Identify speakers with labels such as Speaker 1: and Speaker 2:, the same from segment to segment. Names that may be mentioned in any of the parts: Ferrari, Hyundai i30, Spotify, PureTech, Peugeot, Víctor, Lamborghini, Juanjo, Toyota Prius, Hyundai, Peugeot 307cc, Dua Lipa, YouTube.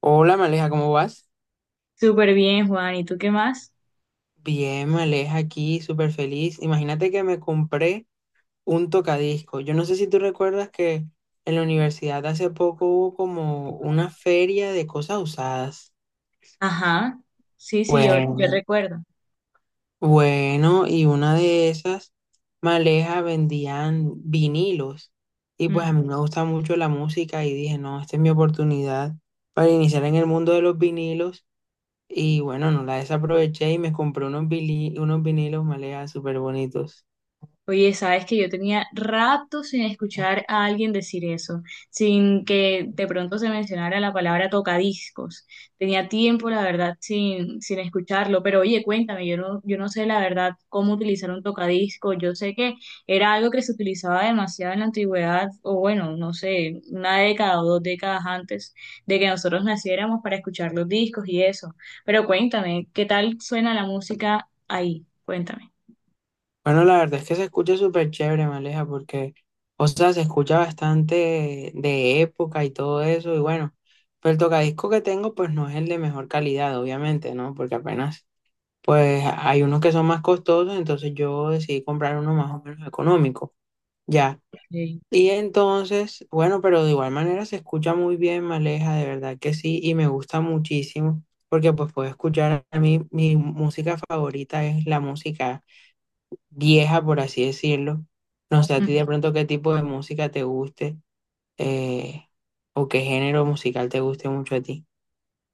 Speaker 1: Hola, Maleja, ¿cómo vas?
Speaker 2: Súper bien, Juan. ¿Y tú qué más?
Speaker 1: Bien, Maleja, aquí súper feliz. Imagínate que me compré un tocadisco. Yo no sé si tú recuerdas que en la universidad hace poco hubo como una feria de cosas usadas.
Speaker 2: Ajá. Sí, sí, yo
Speaker 1: Bueno,
Speaker 2: recuerdo.
Speaker 1: bueno, y una de esas, Maleja, vendían vinilos. Y pues a mí me gusta mucho la música y dije, no, esta es mi oportunidad para iniciar en el mundo de los vinilos. Y bueno, no la desaproveché y me compré unos vinilos, Maleja, súper bonitos.
Speaker 2: Oye, sabes que yo tenía rato sin escuchar a alguien decir eso, sin que de pronto se mencionara la palabra tocadiscos. Tenía tiempo, la verdad, sin escucharlo, pero oye, cuéntame, yo no sé la verdad cómo utilizar un tocadiscos. Yo sé que era algo que se utilizaba demasiado en la antigüedad, o bueno, no sé, una década o dos décadas antes de que nosotros naciéramos para escuchar los discos y eso. Pero cuéntame, ¿qué tal suena la música ahí? Cuéntame.
Speaker 1: Bueno, la verdad es que se escucha súper chévere, Maleja, porque, o sea, se escucha bastante de época y todo eso. Y bueno, pero el tocadisco que tengo, pues no es el de mejor calidad, obviamente, ¿no? Porque apenas, pues hay unos que son más costosos, entonces yo decidí comprar uno más o menos económico. Ya.
Speaker 2: Sí.
Speaker 1: Y entonces, bueno, pero de igual manera se escucha muy bien, Maleja, de verdad que sí, y me gusta muchísimo, porque pues puedo escuchar a mí, mi música favorita es la música vieja, por así decirlo. No sé a ti de pronto qué tipo de música te guste, eh, o qué género musical te guste mucho a ti.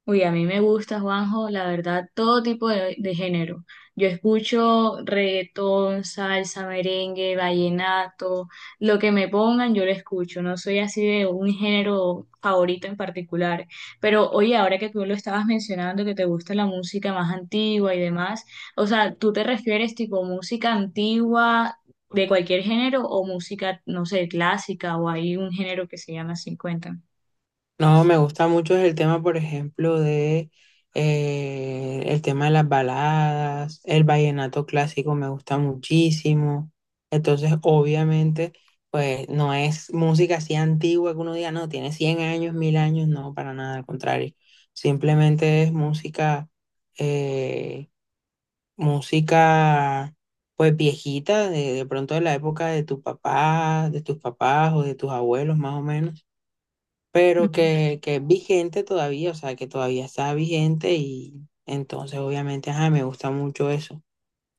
Speaker 2: Uy, a mí me gusta, Juanjo, la verdad, todo tipo de género. Yo escucho reggaetón, salsa, merengue, vallenato, lo que me pongan, yo lo escucho. No soy así de un género favorito en particular. Pero oye, ahora que tú lo estabas mencionando, que te gusta la música más antigua y demás, o sea, ¿tú te refieres tipo música antigua de cualquier género o música, no sé, clásica o hay un género que se llama 50?
Speaker 1: No, me gusta mucho el tema, por ejemplo, de el tema de las baladas, el vallenato clásico me gusta muchísimo. Entonces, obviamente, pues no es música así antigua que uno diga, no, tiene 100 años, 1000 años, no, para nada, al contrario. Simplemente es eh, música, pues viejita, de pronto de la época de tu papá, de tus papás o de tus abuelos, más o menos pero que es vigente todavía, o sea, que todavía está vigente y entonces obviamente, ajá, me gusta mucho eso.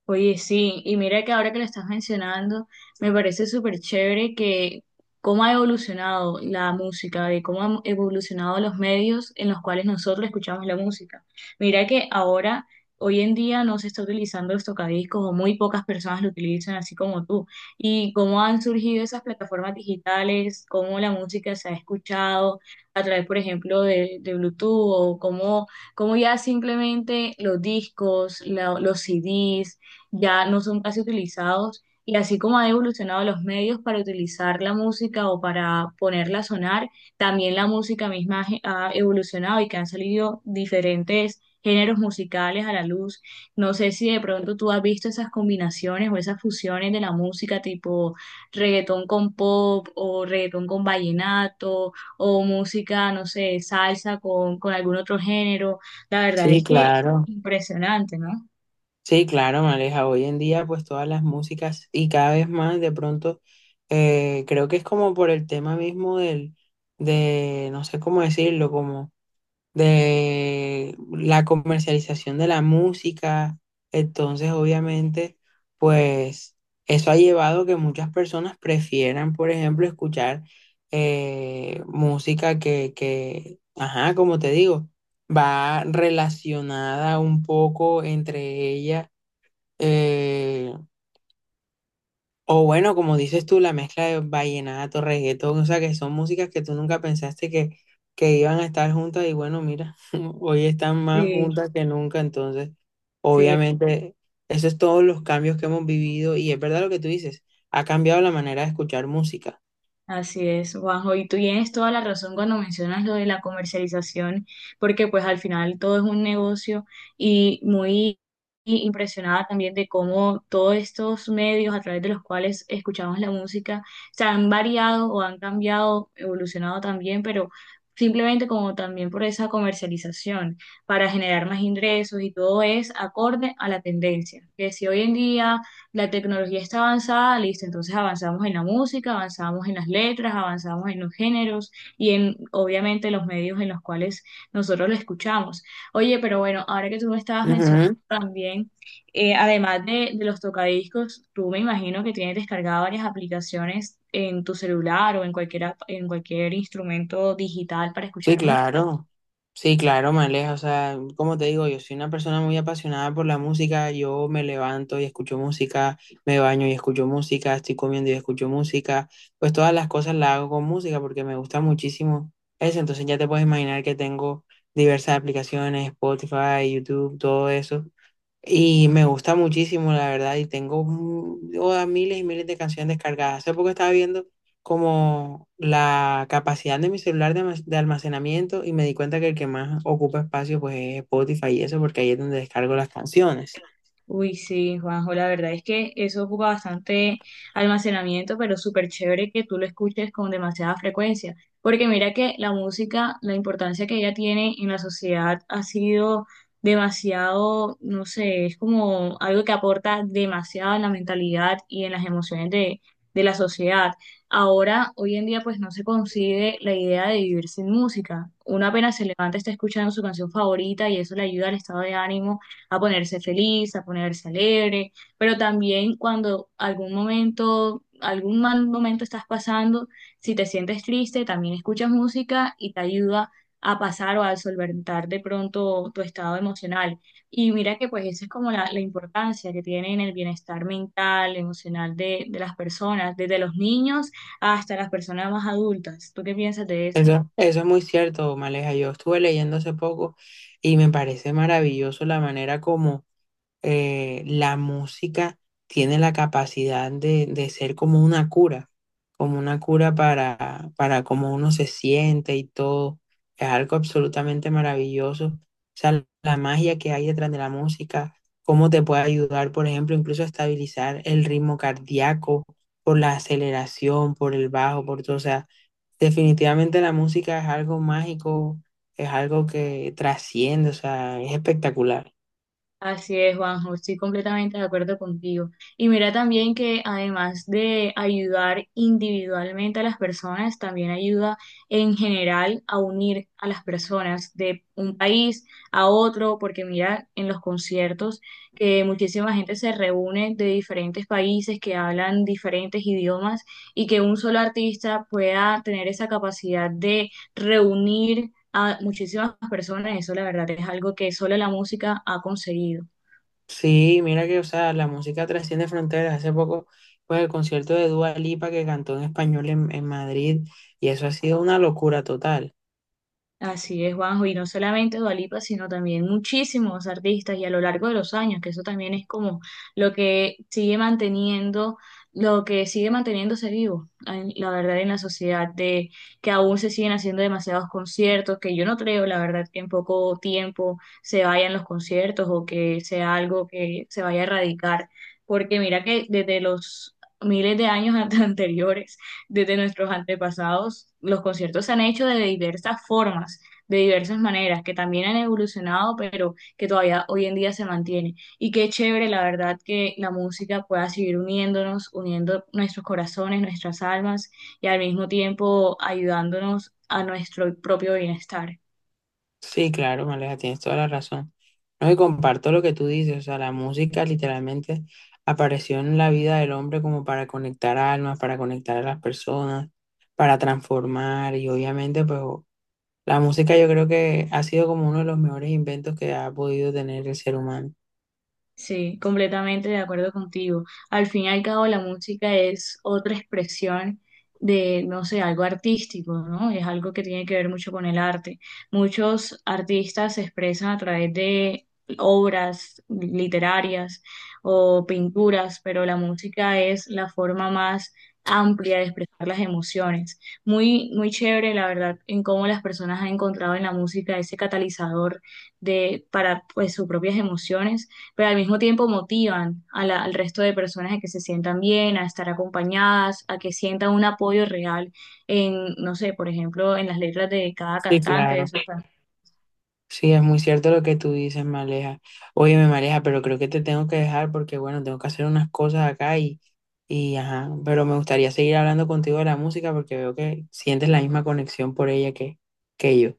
Speaker 2: Oye, sí, y mira que ahora que lo estás mencionando, me parece súper chévere que cómo ha evolucionado la música, de cómo han evolucionado los medios en los cuales nosotros escuchamos la música. Mira que ahora, hoy en día, no se está utilizando los tocadiscos o muy pocas personas lo utilizan así como tú. Y cómo han surgido esas plataformas digitales, cómo la música se ha escuchado a través, por ejemplo, de Bluetooth o cómo, cómo ya simplemente los discos, los CDs ya no son casi utilizados y así como han evolucionado los medios para utilizar la música o para ponerla a sonar, también la música misma ha evolucionado y que han salido diferentes géneros musicales a la luz. No sé si de pronto tú has visto esas combinaciones o esas fusiones de la música tipo reggaetón con pop o reggaetón con vallenato o música, no sé, salsa con algún otro género. La verdad
Speaker 1: Sí,
Speaker 2: es que
Speaker 1: claro.
Speaker 2: impresionante, ¿no?
Speaker 1: Sí, claro, Maleja. Hoy en día, pues todas las músicas y cada vez más, de pronto, creo que es como por el tema mismo del, no sé cómo decirlo, como... de la comercialización de la música. Entonces, obviamente, pues eso ha llevado a que muchas personas prefieran, por ejemplo, escuchar música que, ajá, como te digo, va relacionada un poco entre ella. eh, o bueno, como dices tú, la mezcla de vallenato, reggaetón, o sea, que son músicas que tú nunca pensaste que iban a estar juntas y bueno, mira, hoy están más
Speaker 2: Sí,
Speaker 1: juntas que nunca, entonces,
Speaker 2: sí,
Speaker 1: obviamente, eso es todos los cambios que hemos vivido y es verdad lo que tú dices, ha cambiado la manera de escuchar música.
Speaker 2: así es, Juanjo, y tú tienes toda la razón cuando mencionas lo de la comercialización, porque pues al final todo es un negocio y muy impresionada también de cómo todos estos medios a través de los cuales escuchamos la música se han variado o han cambiado, evolucionado también, pero simplemente como también por esa comercialización para generar más ingresos y todo es acorde a la tendencia, que si hoy en día la tecnología está avanzada, listo, entonces avanzamos en la música, avanzamos en las letras, avanzamos en los géneros y en, obviamente, los medios en los cuales nosotros lo escuchamos. Oye, pero bueno, ahora que tú me estabas mencionando
Speaker 1: Ujú.
Speaker 2: también, además de los tocadiscos, tú me imagino que tienes descargadas varias aplicaciones en tu celular o en cualquier, en cualquier instrumento digital para
Speaker 1: Sí,
Speaker 2: escuchar música.
Speaker 1: claro. Sí, claro, Maleja. O sea, como te digo, yo soy una persona muy apasionada por la música. Yo me levanto y escucho música, me baño y escucho música, estoy comiendo y escucho música. Pues todas las cosas las hago con música porque me gusta muchísimo eso. Entonces ya te puedes imaginar que tengo diversas aplicaciones, Spotify, YouTube, todo eso. Y me gusta muchísimo, la verdad, y tengo miles y miles de canciones descargadas. Hace poco estaba viendo como la capacidad de mi celular de almacenamiento y me di cuenta que el que más ocupa espacio pues es Spotify y eso, porque ahí es donde descargo las canciones.
Speaker 2: Uy, sí, Juanjo, la verdad es que eso ocupa bastante almacenamiento, pero súper chévere que tú lo escuches con demasiada frecuencia, porque mira que la música, la importancia que ella tiene en la sociedad ha sido demasiado, no sé, es como algo que aporta demasiado en la mentalidad y en las emociones de la sociedad. Ahora, hoy en día, pues no se concibe la idea de vivir sin música. Uno apenas se levanta, está escuchando su canción favorita y eso le ayuda al estado de ánimo a ponerse feliz, a ponerse alegre, pero también cuando algún momento, algún mal momento estás pasando, si te sientes triste, también escuchas música y te ayuda a pasar o a solventar de pronto tu estado emocional. Y mira que pues esa es como la importancia que tiene en el bienestar mental, emocional de las personas, desde los niños hasta las personas más adultas. ¿Tú qué piensas de eso?
Speaker 1: Eso es muy cierto, Maleja. Yo estuve leyendo hace poco y me parece maravilloso la manera como la música tiene la capacidad de ser como una cura para cómo uno se siente y todo. Es algo absolutamente maravilloso. O sea, la magia que hay detrás de la música, cómo te puede ayudar, por ejemplo, incluso a estabilizar el ritmo cardíaco por la aceleración, por el bajo, por todo. O sea, definitivamente la música es algo mágico, es algo que trasciende, o sea, es espectacular.
Speaker 2: Así es, Juanjo, estoy completamente de acuerdo contigo. Y mira también que además de ayudar individualmente a las personas, también ayuda en general a unir a las personas de un país a otro, porque mira en los conciertos que muchísima gente se reúne de diferentes países que hablan diferentes idiomas y que un solo artista pueda tener esa capacidad de reunir a muchísimas personas. Eso la verdad es algo que solo la música ha conseguido.
Speaker 1: Sí, mira que, o sea, la música trasciende fronteras. Hace poco, pues el concierto de Dua Lipa que cantó en español en Madrid, y eso ha sido una locura total.
Speaker 2: Así es, Juanjo, y no solamente Dua Lipa, sino también muchísimos artistas y a lo largo de los años, que eso también es como lo que sigue manteniendo, lo que sigue manteniéndose vivo, la verdad, en la sociedad, de que aún se siguen haciendo demasiados conciertos, que yo no creo, la verdad, que en poco tiempo se vayan los conciertos o que sea algo que se vaya a erradicar, porque mira que desde los miles de años anteriores desde nuestros antepasados, los conciertos se han hecho de diversas formas, de diversas maneras, que también han evolucionado, pero que todavía hoy en día se mantiene. Y qué chévere, la verdad, que la música pueda seguir uniéndonos, uniendo nuestros corazones, nuestras almas y al mismo tiempo ayudándonos a nuestro propio bienestar.
Speaker 1: Sí, claro, Maleja, tienes toda la razón. No, y comparto lo que tú dices, o sea, la música literalmente apareció en la vida del hombre como para conectar almas, para conectar a las personas, para transformar, y obviamente, la música yo creo que ha sido como uno de los mejores inventos que ha podido tener el ser humano.
Speaker 2: Sí, completamente de acuerdo contigo. Al fin y al cabo, la música es otra expresión de, no sé, algo artístico, ¿no? Es algo que tiene que ver mucho con el arte. Muchos artistas se expresan a través de obras literarias o pinturas, pero la música es la forma más amplia de expresar las emociones. Muy, muy chévere, la verdad, en cómo las personas han encontrado en la música ese catalizador de, para, pues, sus propias emociones pero al mismo tiempo motivan a al resto de personas a que se sientan bien, a estar acompañadas, a que sientan un apoyo real en, no sé, por ejemplo, en las letras de cada
Speaker 1: Sí,
Speaker 2: cantante, de
Speaker 1: claro.
Speaker 2: sus can-
Speaker 1: Sí, es muy cierto lo que tú dices, Maleja. Oye, me Maleja, pero creo que te tengo que dejar porque, bueno, tengo que hacer unas cosas acá y, ajá, pero me gustaría seguir hablando contigo de la música porque veo que sientes la misma conexión por ella que yo.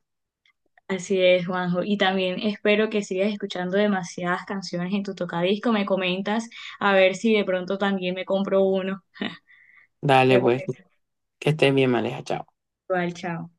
Speaker 2: Así es, Juanjo. Y también espero que sigas escuchando demasiadas canciones en tu tocadisco. Me comentas a ver si de pronto también me compro uno.
Speaker 1: Dale,
Speaker 2: ¿Te
Speaker 1: pues,
Speaker 2: parece?
Speaker 1: que estés bien, Maleja, chao.
Speaker 2: Igual, chao.